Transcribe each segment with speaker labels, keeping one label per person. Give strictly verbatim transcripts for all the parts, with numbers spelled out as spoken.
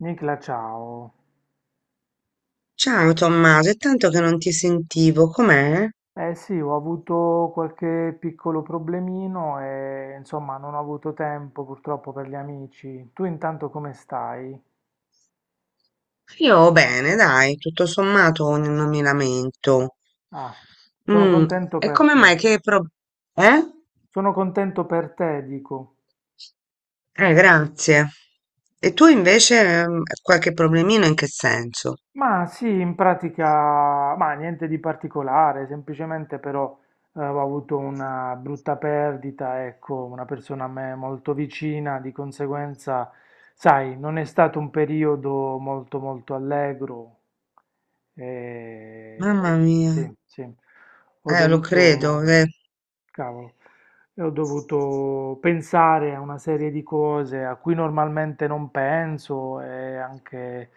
Speaker 1: Nicla, ciao.
Speaker 2: Ciao Tommaso, è tanto che non ti sentivo, com'è?
Speaker 1: Eh sì, ho avuto qualche piccolo problemino e insomma non ho avuto tempo purtroppo per gli amici. Tu intanto come stai?
Speaker 2: Io bene, dai, tutto sommato n- non mi lamento.
Speaker 1: Ah, sono Ah, mi
Speaker 2: Mm,
Speaker 1: contento
Speaker 2: e
Speaker 1: per
Speaker 2: come
Speaker 1: dispiace.
Speaker 2: mai
Speaker 1: Te.
Speaker 2: che pro- Eh?
Speaker 1: Sono contento per te, dico.
Speaker 2: Eh, grazie. E tu invece ehm, qualche problemino in che senso?
Speaker 1: Ma sì, in pratica, ma niente di particolare, semplicemente però eh, ho avuto una brutta perdita, ecco, una persona a me molto vicina, di conseguenza, sai, non è stato un periodo molto molto allegro. E
Speaker 2: Mamma mia,
Speaker 1: sì, sì, ho
Speaker 2: eh, lo credo,
Speaker 1: dovuto,
Speaker 2: eh.
Speaker 1: cavolo, e ho dovuto pensare a una serie di cose a cui normalmente non penso e anche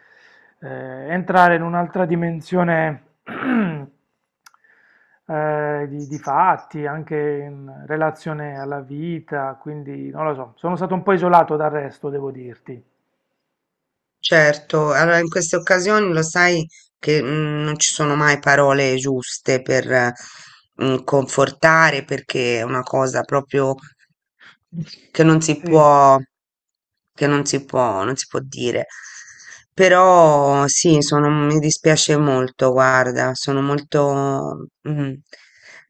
Speaker 1: eh, entrare in un'altra dimensione eh, di, di fatti, anche in relazione alla vita, quindi non lo so, sono stato un po' isolato dal resto, devo dirti.
Speaker 2: Certo, allora in queste occasioni lo sai che mm, non ci sono mai parole giuste per eh, mm, confortare perché è una cosa proprio che non si
Speaker 1: Sì.
Speaker 2: può, che non si può, non si può dire. Però sì, sono- mi dispiace molto, guarda, sono molto mm,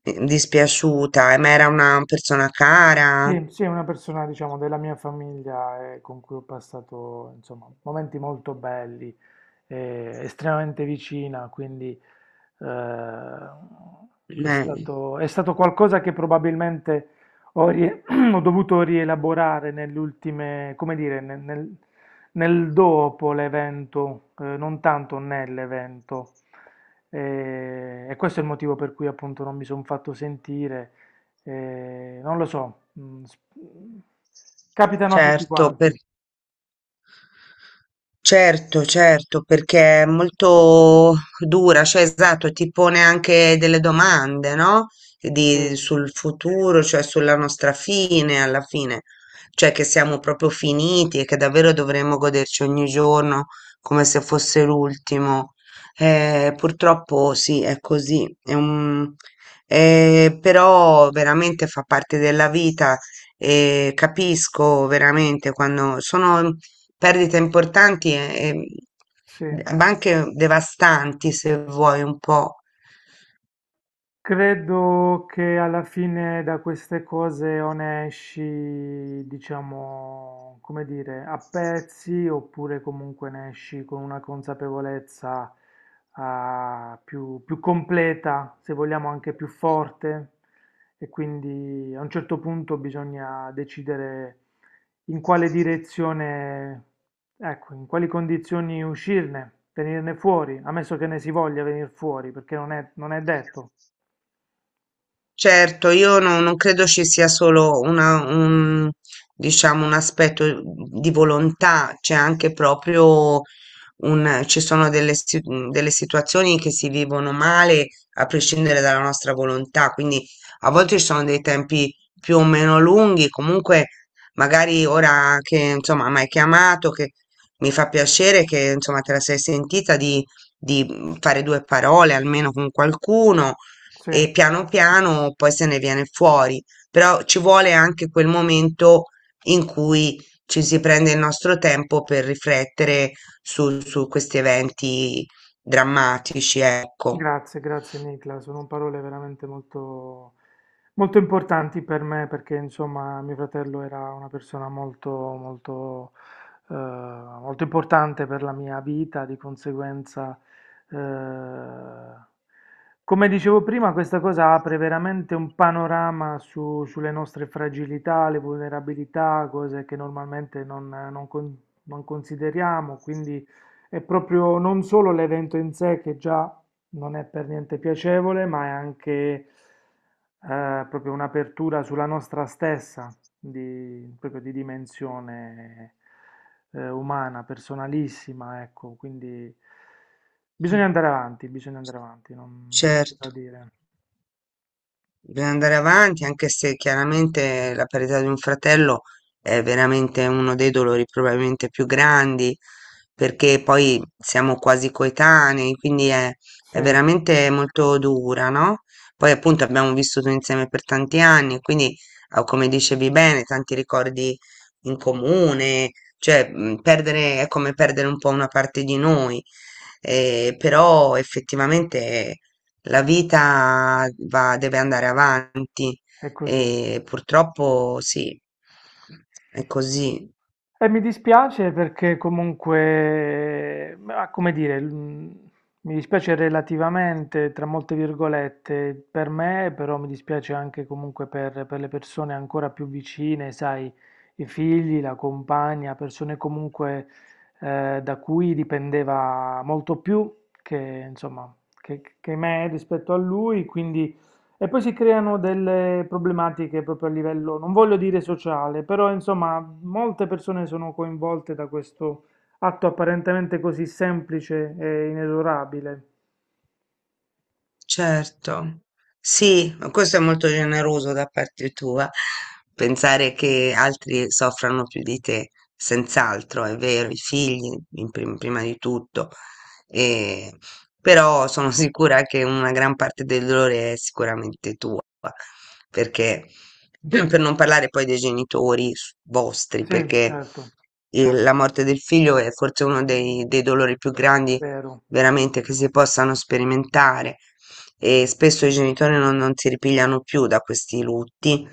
Speaker 2: eh, dispiaciuta, eh, ma era una persona cara,
Speaker 1: Sì, sì, è una persona, diciamo, della mia famiglia eh, con cui ho passato, insomma, momenti molto belli, eh, estremamente vicina, quindi eh, è
Speaker 2: eh,
Speaker 1: stato, è stato qualcosa che probabilmente ho, rie- ho dovuto rielaborare nell'ultime, come dire, nel, nel- nel dopo l'evento, eh, non tanto nell'evento. Eh, E, questo è il motivo per cui appunto non mi sono fatto sentire. Eh, non lo so, mm, s- capitano a tutti
Speaker 2: certo.
Speaker 1: quanti.
Speaker 2: Certo, certo, perché è molto dura, cioè esatto, ti pone anche delle domande, no?
Speaker 1: Sì,
Speaker 2: Di- sul futuro, cioè sulla nostra fine alla fine, cioè che siamo proprio finiti e che davvero dovremmo goderci ogni giorno come se fosse l'ultimo. Eh, purtroppo sì, è così, è un- eh, però veramente fa parte della vita e capisco veramente quando sono perdite importanti e,
Speaker 1: sì.
Speaker 2: e- ma anche devastanti, se vuoi un po'.
Speaker 1: Credo che alla fine da queste cose o ne esci, diciamo, come dire, a pezzi oppure comunque ne esci con una consapevolezza ah, più, più completa, se vogliamo anche più forte. E quindi a un certo punto bisogna decidere in quale direzione, ecco, in quali condizioni uscirne, venirne fuori, ammesso che ne si voglia venire fuori, perché non è non è detto.
Speaker 2: Certo, io no- non credo ci sia solo una, un, diciamo, un aspetto di volontà, c'è anche proprio un- ci sono delle, si- delle situazioni che si vivono male a prescindere dalla nostra volontà, quindi a volte ci sono dei tempi più o meno lunghi, comunque magari ora che insomma mi hai chiamato, che mi fa piacere che insomma te la sei sentita di, di mm, fare due parole almeno con qualcuno
Speaker 1: Sì.
Speaker 2: e piano piano poi se ne viene fuori, però ci vuole anche quel momento in cui ci si prende il nostro tempo per riflettere su, su questi eventi drammatici, ecco.
Speaker 1: Grazie, grazie Nicla, sono parole veramente molto, molto importanti per me perché insomma mio fratello era una persona molto, molto, eh, molto importante per la mia vita, di conseguenza, eh, come dicevo prima, questa cosa apre veramente un panorama su- sulle nostre fragilità, le vulnerabilità, cose che normalmente non, non con- non consideriamo, quindi è proprio non solo l'evento in sé che già non è per niente piacevole, ma è anche eh, proprio un'apertura sulla nostra stessa, di, proprio di dimensione eh, umana, personalissima, ecco, quindi bisogna andare avanti, bisogna andare avanti, non, non c'è cosa
Speaker 2: Certo,
Speaker 1: dire.
Speaker 2: bisogna andare avanti, anche se chiaramente la perdita di un fratello è veramente uno dei dolori probabilmente più grandi, perché poi siamo quasi coetanei, quindi è,
Speaker 1: Sì,
Speaker 2: è veramente molto dura, no? Poi appunto abbiamo vissuto insieme per tanti anni, quindi ah, come dicevi bene, tanti ricordi in comune, cioè mh, perdere è come perdere un po' una parte di noi eh, però effettivamente la vita va- deve andare avanti
Speaker 1: è così.
Speaker 2: e purtroppo sì, è così.
Speaker 1: E mi dispiace perché comunque, ma come dire, mh, mi dispiace relativamente, tra molte virgolette, per me, però mi dispiace anche comunque per, per le persone ancora più vicine, sai, i figli, la compagna, persone comunque eh, da cui dipendeva molto più che, insomma, che, che me rispetto a lui, quindi... E poi si creano delle problematiche proprio a livello, non voglio dire sociale, però insomma molte persone sono coinvolte da questo atto apparentemente così semplice e inesorabile.
Speaker 2: Certo, sì, ma questo è molto generoso da parte tua, pensare che altri soffrano più di te, senz'altro, è vero, i figli in prim- prima di tutto, e- però sono sicura che una gran parte del dolore è sicuramente tua, perché per non parlare poi dei genitori s- vostri,
Speaker 1: Sì,
Speaker 2: perché
Speaker 1: certo,
Speaker 2: eh, la morte del figlio è forse uno dei dei dolori più grandi
Speaker 1: vero.
Speaker 2: veramente che si possano sperimentare e spesso i genitori non, non si ripigliano più da questi lutti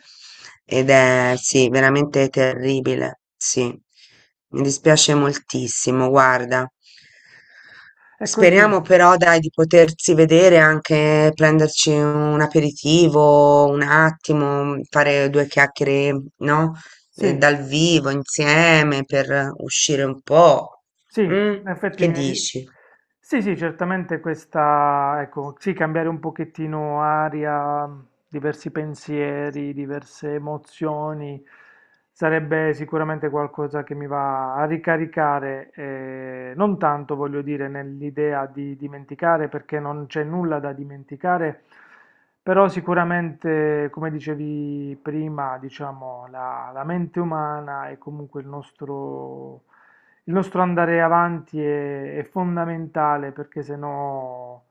Speaker 2: ed è sì, veramente terribile, sì. Mi dispiace moltissimo, guarda.
Speaker 1: È così,
Speaker 2: Speriamo però, dai, di potersi vedere anche, prenderci un aperitivo, un attimo, fare due chiacchiere, no? Eh,
Speaker 1: sì.
Speaker 2: dal vivo insieme per uscire un po'.
Speaker 1: Sì,
Speaker 2: Mm?
Speaker 1: in effetti
Speaker 2: Che
Speaker 1: mi hai...
Speaker 2: dici?
Speaker 1: Sì, sì, certamente questa, ecco, sì, cambiare un pochettino aria, diversi pensieri, diverse emozioni, sarebbe sicuramente qualcosa che mi va a ricaricare, eh, non tanto voglio dire nell'idea di dimenticare, perché non c'è nulla da dimenticare, però sicuramente, come dicevi prima, diciamo, la la mente umana e comunque il nostro il nostro andare avanti è, è fondamentale perché se no,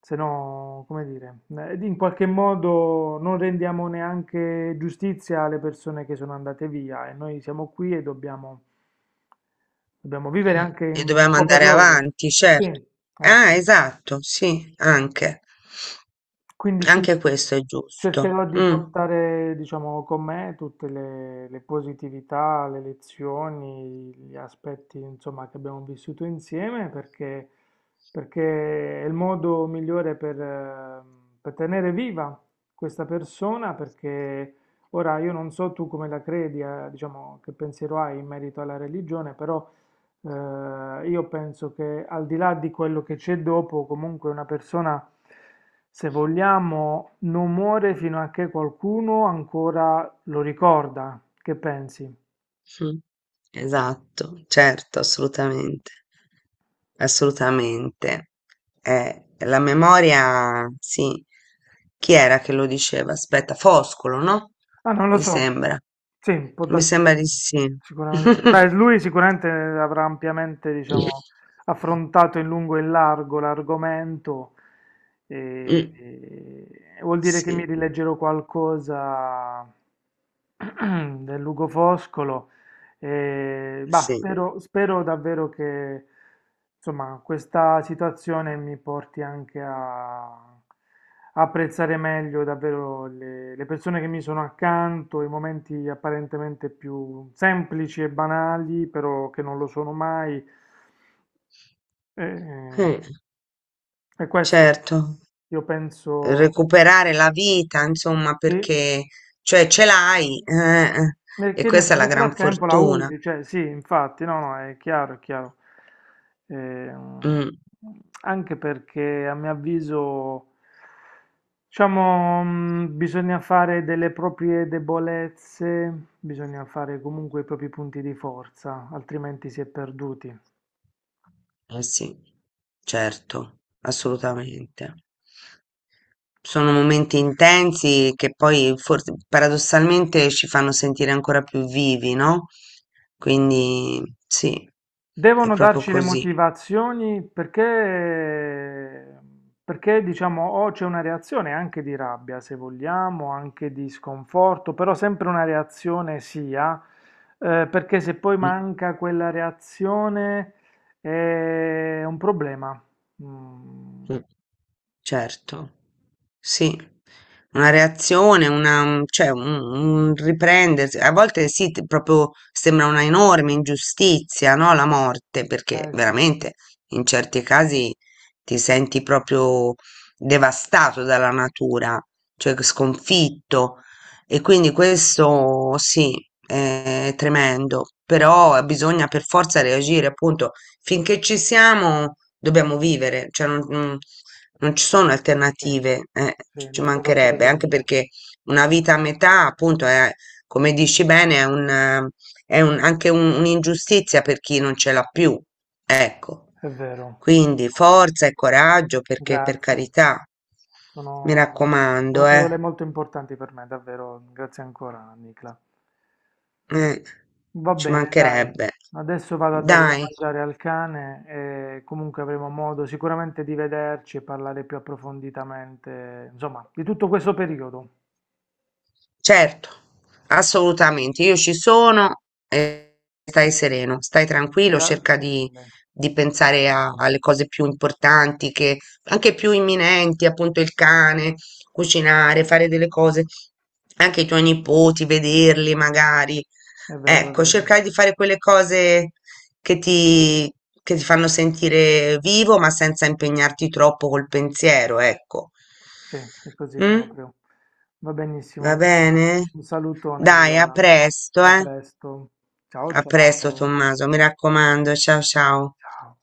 Speaker 1: se no, come dire, eh, in qualche modo non rendiamo neanche giustizia alle persone che sono andate via e noi siamo qui e dobbiamo, dobbiamo vivere anche
Speaker 2: E
Speaker 1: un
Speaker 2: dovevamo
Speaker 1: po' per
Speaker 2: andare
Speaker 1: loro.
Speaker 2: avanti,
Speaker 1: Sì,
Speaker 2: certo. Ah,
Speaker 1: ecco.
Speaker 2: esatto, sì, anche.
Speaker 1: Quindi sì,
Speaker 2: Anche questo è giusto.
Speaker 1: cercherò di
Speaker 2: Mm,
Speaker 1: portare, diciamo, con me tutte le, le positività, le lezioni, gli aspetti, insomma, che abbiamo vissuto insieme perché, perché è il modo migliore per, eh, per tenere viva questa persona perché ora io non so tu come la credi, eh, diciamo, che pensiero hai in merito alla religione, però eh, io penso che al di là di quello che c'è dopo, comunque una persona, se vogliamo, non muore fino a che qualcuno ancora lo ricorda. Che pensi?
Speaker 2: mm. Esatto, certo, assolutamente. Assolutamente. Eh, la memoria, sì. Chi era che lo diceva? Aspetta, Foscolo, no?
Speaker 1: Ah, non lo
Speaker 2: Mi
Speaker 1: so.
Speaker 2: sembra.
Speaker 1: Sì, può
Speaker 2: Mi
Speaker 1: darsi
Speaker 2: sembra di sì.
Speaker 1: sicuramente. Beh, lui sicuramente avrà ampiamente, diciamo, affrontato in lungo e in largo l'argomento. E,
Speaker 2: Mm,
Speaker 1: e vuol dire che mi
Speaker 2: sì,
Speaker 1: rileggerò qualcosa del Lugo Foscolo. E, bah,
Speaker 2: sì.
Speaker 1: spero, spero davvero che insomma, questa situazione mi porti anche a apprezzare meglio davvero le, le persone che mi sono accanto, i momenti apparentemente più semplici e banali, però che non lo sono mai. E,
Speaker 2: Eh,
Speaker 1: e questo,
Speaker 2: certo.
Speaker 1: io penso,
Speaker 2: Recuperare la vita, insomma,
Speaker 1: sì.
Speaker 2: perché cioè ce l'hai, eh, eh, e
Speaker 1: Perché nel,
Speaker 2: questa è la
Speaker 1: nel
Speaker 2: gran
Speaker 1: frattempo la
Speaker 2: fortuna.
Speaker 1: usi, cioè sì, infatti, no, no, è chiaro, è chiaro. Ehm,
Speaker 2: Mm,
Speaker 1: Anche perché a mio avviso, diciamo, mh, bisogna fare delle proprie debolezze, bisogna fare comunque i propri punti di forza, altrimenti si è perduti.
Speaker 2: eh sì, certo, assolutamente. Sono momenti intensi che poi forse paradossalmente ci fanno sentire ancora più vivi, no? Quindi sì, è
Speaker 1: Devono
Speaker 2: proprio
Speaker 1: darci le
Speaker 2: così.
Speaker 1: motivazioni perché, perché diciamo, o c'è una reazione anche di rabbia, se vogliamo, anche di sconforto, però sempre una reazione sia, eh, perché se poi
Speaker 2: Mm,
Speaker 1: manca quella reazione è un problema. Mm,
Speaker 2: mm. Certo. Sì, una reazione, una mhmm, cioè un un riprendersi. A volte sì, t proprio sembra una enorme ingiustizia, no, la morte, perché
Speaker 1: eh sì,
Speaker 2: veramente in certi casi ti senti proprio devastato dalla natura, cioè c sconfitto. E quindi questo sì, è tremendo, però bisogna per forza reagire, appunto. Finché ci siamo dobbiamo vivere, cioè non, non- non ci sono
Speaker 1: sì,
Speaker 2: alternative, eh,
Speaker 1: sì,
Speaker 2: ci
Speaker 1: lo terrò
Speaker 2: mancherebbe, anche
Speaker 1: presente.
Speaker 2: perché una vita a metà, appunto, è, come dici bene, è un, eh, è un- anche un- un'ingiustizia per chi non ce l'ha più, ecco.
Speaker 1: È vero,
Speaker 2: Quindi forza e coraggio, perché per
Speaker 1: grazie.
Speaker 2: carità, mi
Speaker 1: Sono, sono
Speaker 2: raccomando, eh,
Speaker 1: parole molto importanti per me, davvero. Grazie ancora, Nicla.
Speaker 2: eh,
Speaker 1: Va
Speaker 2: ci
Speaker 1: bene, dai.
Speaker 2: mancherebbe.
Speaker 1: Adesso vado a dare da
Speaker 2: Dai.
Speaker 1: mangiare al cane e comunque avremo modo sicuramente di vederci e parlare più approfonditamente, insomma, di tutto questo periodo.
Speaker 2: Certo, assolutamente. Io ci sono, e stai sereno, stai tranquillo, cerca
Speaker 1: Grazie
Speaker 2: di,
Speaker 1: mille.
Speaker 2: di pensare a- alle cose più importanti, che, anche più imminenti, appunto il cane, cucinare, fare delle cose, anche i tuoi nipoti, vederli magari.
Speaker 1: È vero, è
Speaker 2: Ecco,
Speaker 1: vero.
Speaker 2: cercare di fare quelle cose che ti, che ti fanno sentire vivo, ma senza impegnarti troppo col pensiero, ecco.
Speaker 1: Sì, è così
Speaker 2: Mm?
Speaker 1: proprio. Va benissimo,
Speaker 2: Va
Speaker 1: Nicola.
Speaker 2: bene?
Speaker 1: Un salutone
Speaker 2: Dai, a
Speaker 1: allora.
Speaker 2: presto,
Speaker 1: A
Speaker 2: eh?
Speaker 1: presto. Ciao,
Speaker 2: A presto,
Speaker 1: ciao.
Speaker 2: Tommaso, mi raccomando. Ciao ciao.
Speaker 1: Ciao.